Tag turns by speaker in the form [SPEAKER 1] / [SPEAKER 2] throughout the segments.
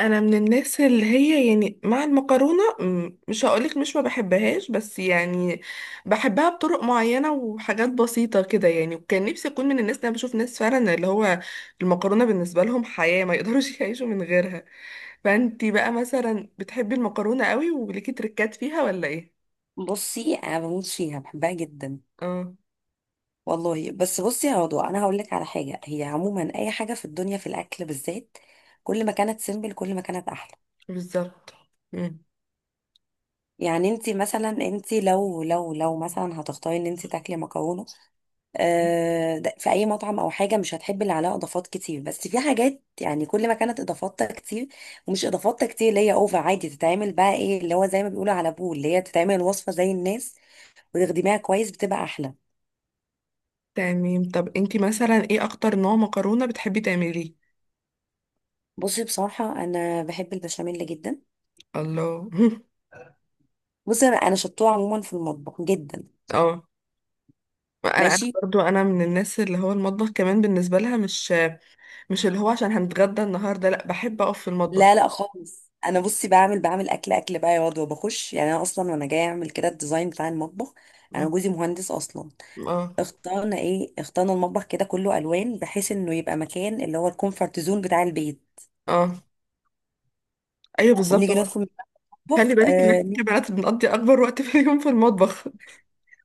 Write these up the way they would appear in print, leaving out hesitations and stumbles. [SPEAKER 1] انا من الناس اللي هي يعني مع المكرونه م- مش هقولك مش ما بحبهاش بس يعني بحبها بطرق معينه وحاجات بسيطه كده يعني، وكان نفسي اكون من الناس اللي انا بشوف ناس فعلا اللي هو المكرونه بالنسبه لهم حياه، ما يقدروش يعيشوا من غيرها. فانتي بقى مثلا بتحبي المكرونه قوي وليكي تركات فيها ولا ايه؟
[SPEAKER 2] بصي، انا بموت فيها، بحبها جدا
[SPEAKER 1] اه،
[SPEAKER 2] والله. بس بصي يا رضوى انا هقول لك على حاجه، هي عموما اي حاجه في الدنيا في الاكل بالذات كل ما كانت سيمبل كل ما كانت احلى.
[SPEAKER 1] بالظبط. مم.
[SPEAKER 2] يعني انت مثلا انت لو مثلا هتختاري ان انت تاكلي مكرونه، في اي مطعم او حاجه مش هتحبي اللي عليها اضافات كتير، بس في حاجات، يعني كل ما كانت اضافاتها كتير ومش اضافاتها كتير اللي هي اوفر عادي، تتعمل بقى ايه اللي هو زي ما بيقولوا على بول، اللي هي تتعمل الوصفه زي الناس وتخدميها كويس بتبقى احلى.
[SPEAKER 1] تمام، طب انتي مثلا ايه اكتر نوع مكرونه بتحبي تعمليه؟
[SPEAKER 2] بصي بصراحة أنا بحب البشاميل جدا.
[SPEAKER 1] الله.
[SPEAKER 2] بصي أنا شطوة عموما في المطبخ جدا.
[SPEAKER 1] اه. انا
[SPEAKER 2] ماشي.
[SPEAKER 1] برضو انا من الناس اللي هو المطبخ كمان بالنسبه لها مش اللي هو عشان هنتغدى النهارده، لا بحب اقف في المطبخ.
[SPEAKER 2] لا لا خالص، أنا بصي بعمل أكل أكل بقى يا واد، وبخش يعني أنا أصلا وأنا جاية أعمل كده الديزاين بتاع المطبخ. أنا
[SPEAKER 1] مم.
[SPEAKER 2] جوزي مهندس أصلا.
[SPEAKER 1] اه.
[SPEAKER 2] اخترنا المطبخ كده كله ألوان بحيث إنه يبقى مكان اللي هو الكومفورت زون بتاع البيت.
[SPEAKER 1] اه، ايوه بالظبط
[SPEAKER 2] وبنيجي
[SPEAKER 1] هو.
[SPEAKER 2] ندخل
[SPEAKER 1] خلي
[SPEAKER 2] المطبخ
[SPEAKER 1] بالك ان احنا كبنات بنقضي اكبر وقت في اليوم في المطبخ.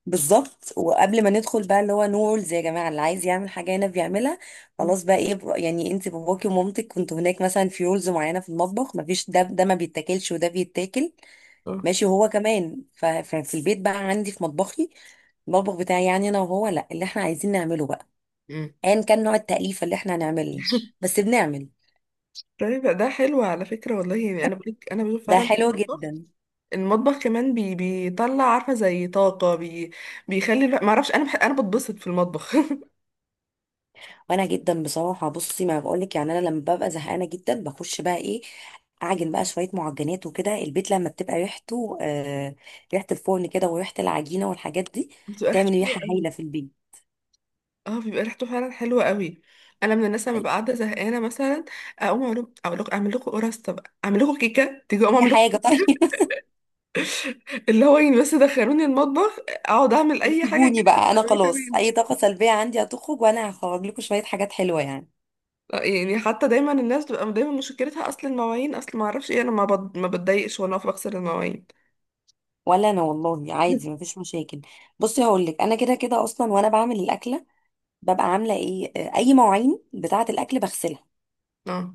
[SPEAKER 2] بالظبط. وقبل ما ندخل بقى اللي هو نو رولز يا جماعه، اللي عايز يعمل حاجه هنا بيعملها.
[SPEAKER 1] مم.
[SPEAKER 2] خلاص. يعني انت باباكي ومامتك كنتوا هناك مثلا في رولز معينه في المطبخ، مفيش ده ما بيتاكلش وده بيتاكل.
[SPEAKER 1] اه.
[SPEAKER 2] ماشي. هو كمان ففي البيت بقى عندي في مطبخي، المطبخ بتاعي يعني انا وهو، لا اللي احنا عايزين نعمله بقى
[SPEAKER 1] مم.
[SPEAKER 2] ايا كان نوع التأليفه اللي احنا هنعمله بس بنعمل.
[SPEAKER 1] طيب ده حلو على فكره والله، يعني انا بقولك انا بشوف
[SPEAKER 2] ده
[SPEAKER 1] فعلا
[SPEAKER 2] حلو
[SPEAKER 1] المطبخ،
[SPEAKER 2] جدا.
[SPEAKER 1] المطبخ كمان بي بيطلع عارفه زي طاقه بي، بيخلي الواحد- ما اعرفش، انا انا بتبسط في المطبخ.
[SPEAKER 2] وانا جدا بصراحه، بصي ما بقولك، يعني انا لما ببقى زهقانه جدا بخش بقى ايه، اعجن بقى شويه معجنات وكده، البيت لما بتبقى ريحته آه ريحه الفرن كده وريحه العجينه والحاجات دي،
[SPEAKER 1] بتبقى
[SPEAKER 2] تعمل
[SPEAKER 1] ريحته حلوه
[SPEAKER 2] ريحه
[SPEAKER 1] أوي.
[SPEAKER 2] هايله في البيت.
[SPEAKER 1] اه، بيبقى ريحته فعلا حلوه قوي. انا من الناس لما ببقى قاعده زهقانه مثلا اقوم اعمل، اقول لكم اعمل لكم قرصه بقى، اعمل لكم كيكه، تيجي اقوم
[SPEAKER 2] اي
[SPEAKER 1] اعمل
[SPEAKER 2] حاجه
[SPEAKER 1] لكم.
[SPEAKER 2] طيب.
[SPEAKER 1] اللي هو يعني بس دخلوني المطبخ اقعد اعمل اي حاجه
[SPEAKER 2] وسيبوني
[SPEAKER 1] كده،
[SPEAKER 2] بقى انا
[SPEAKER 1] هتلاقوني
[SPEAKER 2] خلاص،
[SPEAKER 1] تمام.
[SPEAKER 2] اي طاقه سلبيه عندي هتخرج وانا هخرج لكم شويه حاجات حلوه يعني.
[SPEAKER 1] آه، يعني حتى دايما الناس بتبقى دايما مشكلتها اصل المواعين، اصل ما اعرفش ايه، انا ما بتضايقش وانا واقفه بغسل المواعين.
[SPEAKER 2] ولا انا والله عادي، مفيش مشاكل. بصي هقول لك، انا كده كده اصلا وانا بعمل الاكله ببقى عامله ايه آه، اي مواعين بتاعه الاكل بغسلها.
[SPEAKER 1] اه.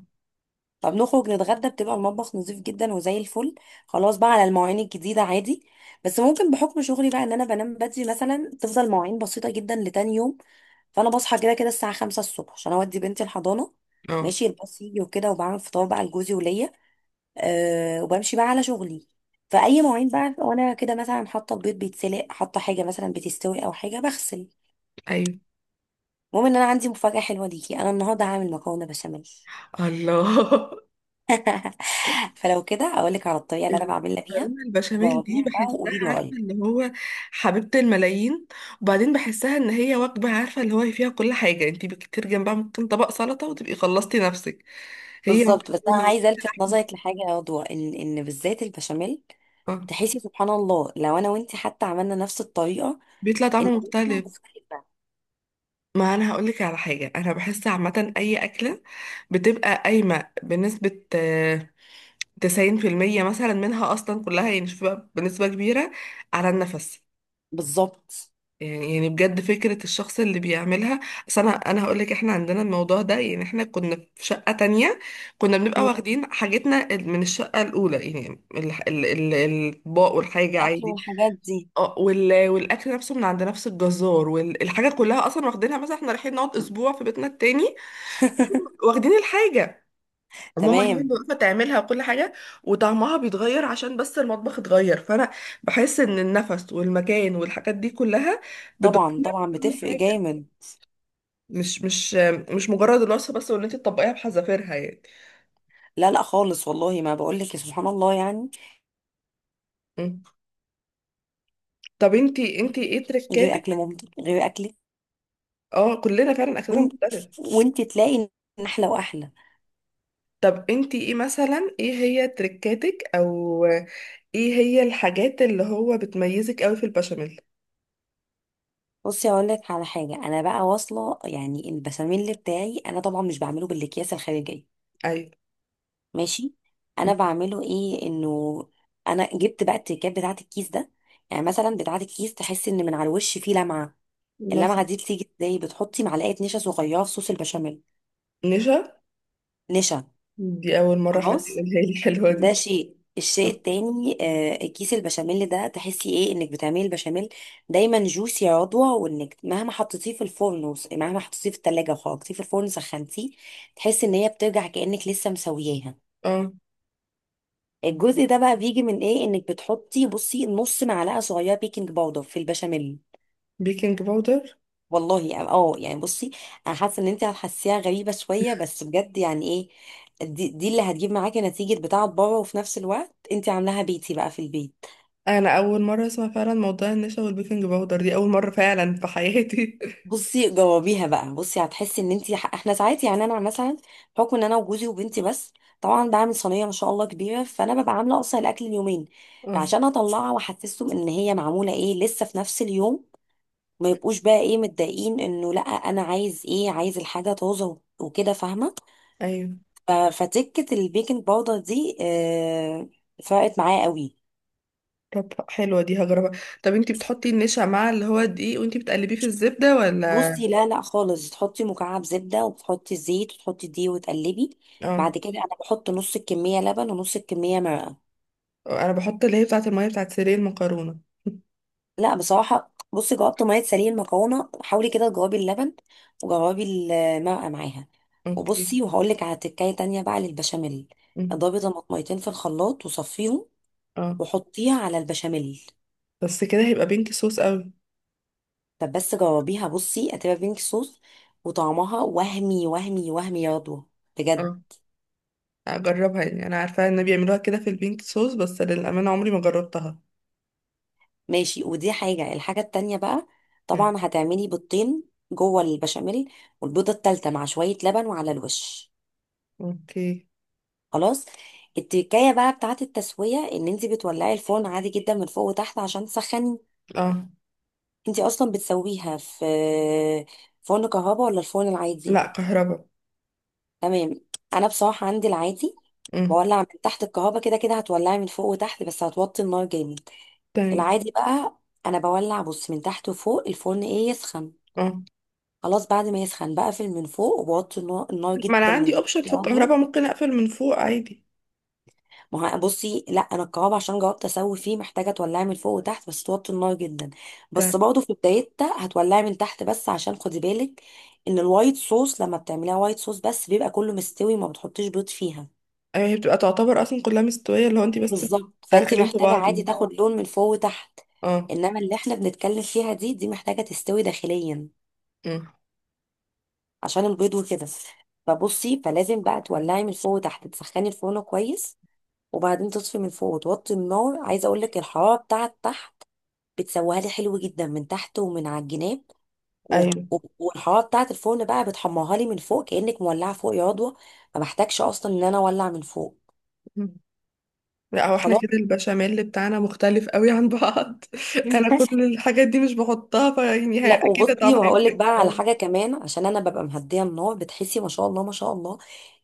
[SPEAKER 2] طب نخرج نتغدى بتبقى المطبخ نظيف جدا وزي الفل. خلاص بقى، على المواعين الجديدة عادي. بس ممكن بحكم شغلي بقى ان انا بنام بدري مثلا، تفضل مواعين بسيطة جدا لتاني يوم. فانا بصحى كده كده الساعة 5 الصبح عشان اودي بنتي الحضانة،
[SPEAKER 1] اه،
[SPEAKER 2] ماشي الباص يجي وكده، وبعمل فطار بقى لجوزي وليا، أه وبمشي بقى على شغلي. فأي مواعين بقى وانا كده مثلا حاطة البيض بيتسلق، حاطة حاجة مثلا بتستوي او حاجة بغسل.
[SPEAKER 1] ايوه.
[SPEAKER 2] المهم ان انا عندي مفاجأة حلوة ليكي، انا النهارده هعمل مكرونة بشاميل.
[SPEAKER 1] الله.
[SPEAKER 2] فلو كده اقول لك على الطريقه اللي انا بعملها بيها،
[SPEAKER 1] المكرونه البشاميل دي
[SPEAKER 2] جاوبيها بقى
[SPEAKER 1] بحسها
[SPEAKER 2] وقولي لي
[SPEAKER 1] عارفه اللي
[SPEAKER 2] رايك.
[SPEAKER 1] هو حبيبه الملايين. وبعدين بحسها ان هي وجبه عارفه اللي هو فيها كل حاجه، انت بكتير جنبها ممكن طبق سلطه وتبقي خلصتي نفسك. هي
[SPEAKER 2] بالظبط. بس انا
[SPEAKER 1] مكرونه
[SPEAKER 2] عايزه الفت
[SPEAKER 1] ولحمه.
[SPEAKER 2] نظرك لحاجه يا رضوى، ان بالذات البشاميل،
[SPEAKER 1] اه،
[SPEAKER 2] تحسي سبحان الله لو انا وانت حتى عملنا نفس الطريقه،
[SPEAKER 1] بيطلع
[SPEAKER 2] ان
[SPEAKER 1] طعمه
[SPEAKER 2] بيطلع
[SPEAKER 1] مختلف.
[SPEAKER 2] مختلفه.
[SPEAKER 1] ما انا هقول لك على حاجه، انا بحس عامه اي اكله بتبقى قايمه بنسبه آه، 90% مثلا منها، اصلا كلها يعني، شوف بقى بنسبه كبيره على النفس.
[SPEAKER 2] بالظبط.
[SPEAKER 1] يعني يعني بجد فكرة الشخص اللي بيعملها. أصل أنا هقولك إحنا عندنا الموضوع ده، يعني إحنا كنا في شقة تانية، كنا بنبقى
[SPEAKER 2] مم.
[SPEAKER 1] واخدين حاجتنا من الشقة الأولى يعني الأطباق والحاجة
[SPEAKER 2] الاكل
[SPEAKER 1] عادي.
[SPEAKER 2] والحاجات دي.
[SPEAKER 1] اه، والأكل نفسه من عند نفس الجزار والحاجة، كلها أصلا واخدينها مثلا، إحنا رايحين نقعد أسبوع في بيتنا التاني. واخدين الحاجة، ماما هي اللي
[SPEAKER 2] تمام.
[SPEAKER 1] واقفه تعملها وكل حاجه، وطعمها بيتغير عشان بس المطبخ اتغير. فانا بحس ان النفس والمكان والحاجات دي كلها
[SPEAKER 2] طبعا
[SPEAKER 1] بتغير
[SPEAKER 2] طبعا
[SPEAKER 1] كل
[SPEAKER 2] بتفرق
[SPEAKER 1] حاجه.
[SPEAKER 2] جامد.
[SPEAKER 1] مش مش مش مجرد الوصفه بس، وان انت تطبقيها بحذافيرها يعني.
[SPEAKER 2] لا لا خالص، والله ما بقول لك سبحان الله يعني.
[SPEAKER 1] مم. طب انتي ايه
[SPEAKER 2] غير
[SPEAKER 1] تركاتك؟
[SPEAKER 2] اكل مامتك غير اكلك.
[SPEAKER 1] اه، كلنا فعلا اكلنا
[SPEAKER 2] وانت
[SPEAKER 1] مختلف.
[SPEAKER 2] وانت تلاقي ان احلى واحلى.
[SPEAKER 1] طب انتي ايه مثلا، ايه هي تركاتك، او ايه هي الحاجات اللي هو بتميزك قوي في البشاميل؟
[SPEAKER 2] بصي اقول لك على حاجه، انا بقى واصله يعني البشاميل بتاعي انا طبعا مش بعمله بالاكياس الخارجيه.
[SPEAKER 1] ايوه.
[SPEAKER 2] ماشي.
[SPEAKER 1] مم.
[SPEAKER 2] انا بعمله انه، انا جبت بقى التركات بتاعه الكيس ده. يعني مثلا بتاعه الكيس تحس ان من على الوش فيه لمعه،
[SPEAKER 1] مثلا.
[SPEAKER 2] اللمعه دي بتيجي ازاي؟ بتحطي معلقه نشا صغيره في صوص البشاميل.
[SPEAKER 1] نشا.
[SPEAKER 2] نشا.
[SPEAKER 1] دي اول مره حد
[SPEAKER 2] خلاص.
[SPEAKER 1] يقولها لي، الحلوه
[SPEAKER 2] ده
[SPEAKER 1] دي.
[SPEAKER 2] الشيء التاني، كيس البشاميل ده، تحسي ايه؟ انك بتعملي البشاميل دايما جوسي يا عضوة، وانك مهما حطيتيه في الفرن مهما حطيتيه في التلاجة وحطيتيه في الفرن سخنتيه، تحسي ان هي بترجع كأنك لسه مسوياها.
[SPEAKER 1] اه.
[SPEAKER 2] الجزء ده بقى بيجي من ايه؟ انك بتحطي بصي نص معلقة صغيرة بيكنج باودر في البشاميل.
[SPEAKER 1] بيكنج باودر.
[SPEAKER 2] والله يعني، يعني بصي، انا حاسه ان انت هتحسيها غريبه شويه بس بجد يعني ايه، دي اللي هتجيب معاكي نتيجه بتاعه بره، وفي نفس الوقت انت عاملاها بيتي بقى في البيت.
[SPEAKER 1] انا اول مره اسمع فعلا موضوع النشا والبيكنج باودر، دي اول مره فعلا في حياتي.
[SPEAKER 2] بصي جاوبيها بقى، بصي هتحسي ان انت، احنا ساعات يعني انا مثلا بحكم ان انا وجوزي وبنتي بس، طبعا بعمل صينيه ما شاء الله كبيره، فانا ببقى عامله اصلا الاكل اليومين،
[SPEAKER 1] اه.
[SPEAKER 2] عشان اطلعها واحسسهم ان هي معموله ايه لسه في نفس اليوم، ما يبقوش بقى ايه متضايقين انه لا انا عايز الحاجه طازه وكده، فاهمه؟
[SPEAKER 1] ايوه.
[SPEAKER 2] فتكه البيكنج باودر دي فرقت معايا قوي.
[SPEAKER 1] طب حلوه دي هجربها. طب انتي بتحطي النشا مع اللي هو الدقيق وانتي بتقلبيه في الزبده ولا؟
[SPEAKER 2] بصي لا لا خالص، تحطي مكعب زبدة وتحطي الزيت وتحطي دي وتقلبي.
[SPEAKER 1] اه.
[SPEAKER 2] بعد كده انا بحط نص الكمية لبن ونص الكمية مرقة.
[SPEAKER 1] انا بحط اللي هي بتاعه الميه بتاعه سيرين المكرونه.
[SPEAKER 2] لا بصراحة، بصي جاوبت مية سليق المكرونة، حاولي كده تجاوبي اللبن وجاوبي المرقة معاها.
[SPEAKER 1] اوكي.
[SPEAKER 2] وبصي وهقولك على تكاية تانية بقى للبشاميل،
[SPEAKER 1] أمم.
[SPEAKER 2] اضربي طماطميتين في الخلاط وصفيهم،
[SPEAKER 1] اه.
[SPEAKER 2] وحطيها على البشاميل.
[SPEAKER 1] بس كده هيبقى بينك صوص قوي.
[SPEAKER 2] طب بس جربيها، بصي هتبقى بينك صوص، وطعمها وهمي وهمي وهمي يا رضوى، بجد.
[SPEAKER 1] اه، اجربها يعني، انا عارفه ان بيعملوها كده في البينك صوص بس للامانه عمري ما جربتها.
[SPEAKER 2] ماشي. ودي الحاجة التانية بقى،
[SPEAKER 1] أمم.
[SPEAKER 2] طبعا هتعملي بيضتين جوه البشاميل، والبيضة التالتة مع شوية لبن وعلى الوش.
[SPEAKER 1] اوكي.
[SPEAKER 2] خلاص. التكاية بقى بتاعت التسوية، ان انت بتولعي الفرن عادي جدا من فوق وتحت عشان تسخني.
[SPEAKER 1] اه.
[SPEAKER 2] انت اصلا بتسويها في فرن كهربا ولا الفرن العادي؟
[SPEAKER 1] لا، كهربا.
[SPEAKER 2] تمام. انا بصراحة عندي العادي.
[SPEAKER 1] أمم.
[SPEAKER 2] بولع من تحت، الكهربا كده كده هتولعي من فوق وتحت بس هتوطي النار جامد.
[SPEAKER 1] تمام.
[SPEAKER 2] العادي بقى انا بولع، بص من تحت وفوق الفرن يسخن،
[SPEAKER 1] اه.
[SPEAKER 2] خلاص بعد ما يسخن بقفل من فوق وبوطي النار
[SPEAKER 1] ما انا
[SPEAKER 2] جدا من
[SPEAKER 1] عندي
[SPEAKER 2] تحت
[SPEAKER 1] اوبشن في
[SPEAKER 2] يا
[SPEAKER 1] الكهرباء،
[SPEAKER 2] عضوة.
[SPEAKER 1] ممكن اقفل من فوق عادي.
[SPEAKER 2] ما هو بصي لا، انا الكباب عشان جربت اسوي فيه، محتاجه تولعي من فوق وتحت بس توطي النار جدا.
[SPEAKER 1] تمام.
[SPEAKER 2] بس برضه في بدايتها هتولعي من تحت بس، عشان خدي بالك ان الوايت صوص لما بتعمليها وايت صوص بس بيبقى كله مستوي، ما بتحطيش بيض فيها.
[SPEAKER 1] ايوه، هي بتبقى تعتبر اصلا كلها مستويه اللي هو انت بس
[SPEAKER 2] بالظبط. فانت
[SPEAKER 1] بتدخلين في
[SPEAKER 2] محتاجه
[SPEAKER 1] بعض
[SPEAKER 2] عادي
[SPEAKER 1] يعني.
[SPEAKER 2] تاخد لون من فوق وتحت.
[SPEAKER 1] اه.
[SPEAKER 2] انما اللي احنا بنتكلم فيها دي محتاجه تستوي داخليا
[SPEAKER 1] مم.
[SPEAKER 2] عشان البيض وكده. فبصي فلازم بقى تولعي من فوق وتحت تسخني الفرن كويس، وبعدين تطفي من فوق وتوطي النار. عايزه اقول لك الحراره بتاعت تحت بتسويها لي حلو جدا من تحت ومن على الجناب،
[SPEAKER 1] ايوه.
[SPEAKER 2] والحراره بتاعت الفرن بقى بتحمرها لي من فوق، كانك مولعه فوق يا عضوه، ما بحتاجش اصلا ان انا اولع من فوق.
[SPEAKER 1] مم. لا، هو احنا
[SPEAKER 2] خلاص.
[SPEAKER 1] كده البشاميل بتاعنا مختلف قوي عن بعض. انا كل الحاجات دي مش بحطها، فيعني هي-
[SPEAKER 2] لا،
[SPEAKER 1] اكيد
[SPEAKER 2] وبصي
[SPEAKER 1] طعمها
[SPEAKER 2] وهقول لك
[SPEAKER 1] هيفرق
[SPEAKER 2] بقى على
[SPEAKER 1] آه.
[SPEAKER 2] حاجه كمان، عشان انا ببقى مهديه النار بتحسي ما شاء الله ما شاء الله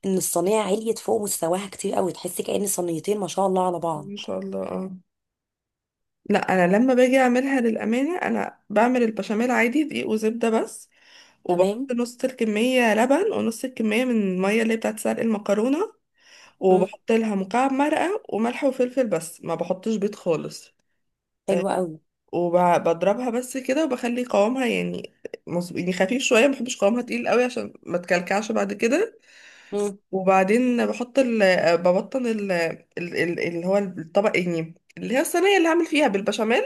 [SPEAKER 2] ان الصينيه عليت فوق مستواها كتير قوي، تحسي كأن صينيتين ما شاء الله على بعض.
[SPEAKER 1] ان شاء الله. اه، لا انا لما باجي اعملها للامانه، انا بعمل البشاميل عادي دقيق وزبده بس،
[SPEAKER 2] تمام.
[SPEAKER 1] وبحط نص الكميه لبن ونص الكميه من الميه اللي هي بتاعت سلق المكرونه.
[SPEAKER 2] مم.
[SPEAKER 1] وبحط لها مكعب مرقة وملح وفلفل بس، ما بحطش بيض خالص. آه،
[SPEAKER 2] حلوه قوي.
[SPEAKER 1] وبضربها بس كده، وبخلي قوامها يعني مظبوط، يعني خفيف شوية، ما بحبش قوامها تقيل قوي عشان ما تكلكعش بعد كده.
[SPEAKER 2] مم.
[SPEAKER 1] وبعدين بحط ال... آه، ببطن ال... ال... ال... اللي هو الطبق يعني، اللي هي الصينية اللي هعمل فيها بالبشاميل.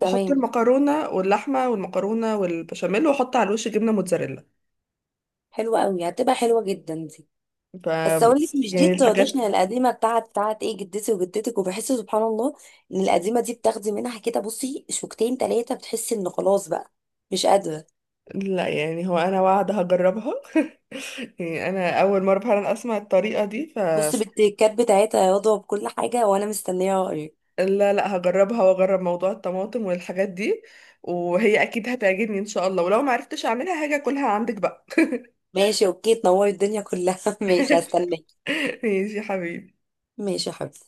[SPEAKER 1] واحط المكرونة واللحمة والمكرونة والبشاميل، واحط على الوش جبنة موتزاريلا.
[SPEAKER 2] حلوه قوي، هتبقى حلوه جدا.
[SPEAKER 1] ف،
[SPEAKER 2] بس اقول لك مش دي
[SPEAKER 1] يعني الحاجات.
[SPEAKER 2] التراديشنال القديمه بتاعت بتاعت ايه جدتي وجدتك، وبحس سبحان الله ان القديمه دي بتاخدي منها كده بصي شوكتين ثلاثه، بتحسي ان خلاص بقى مش قادره.
[SPEAKER 1] لا يعني هو انا واعده هجربها. يعني انا اول مره فعلا اسمع الطريقه دي، ف،
[SPEAKER 2] بصي بالتكات بتاعتها يا رضوى بكل حاجه، وانا مستنيه رايك.
[SPEAKER 1] لا لا، هجربها واجرب موضوع الطماطم والحاجات دي، وهي اكيد هتعجبني ان شاء الله، ولو ما عرفتش اعملها هاجي اكلها عندك بقى.
[SPEAKER 2] ماشي. اوكي، تنوري الدنيا كلها. ماشي هستناك.
[SPEAKER 1] ماشي يا حبيبي.
[SPEAKER 2] ماشي يا حبيبتي.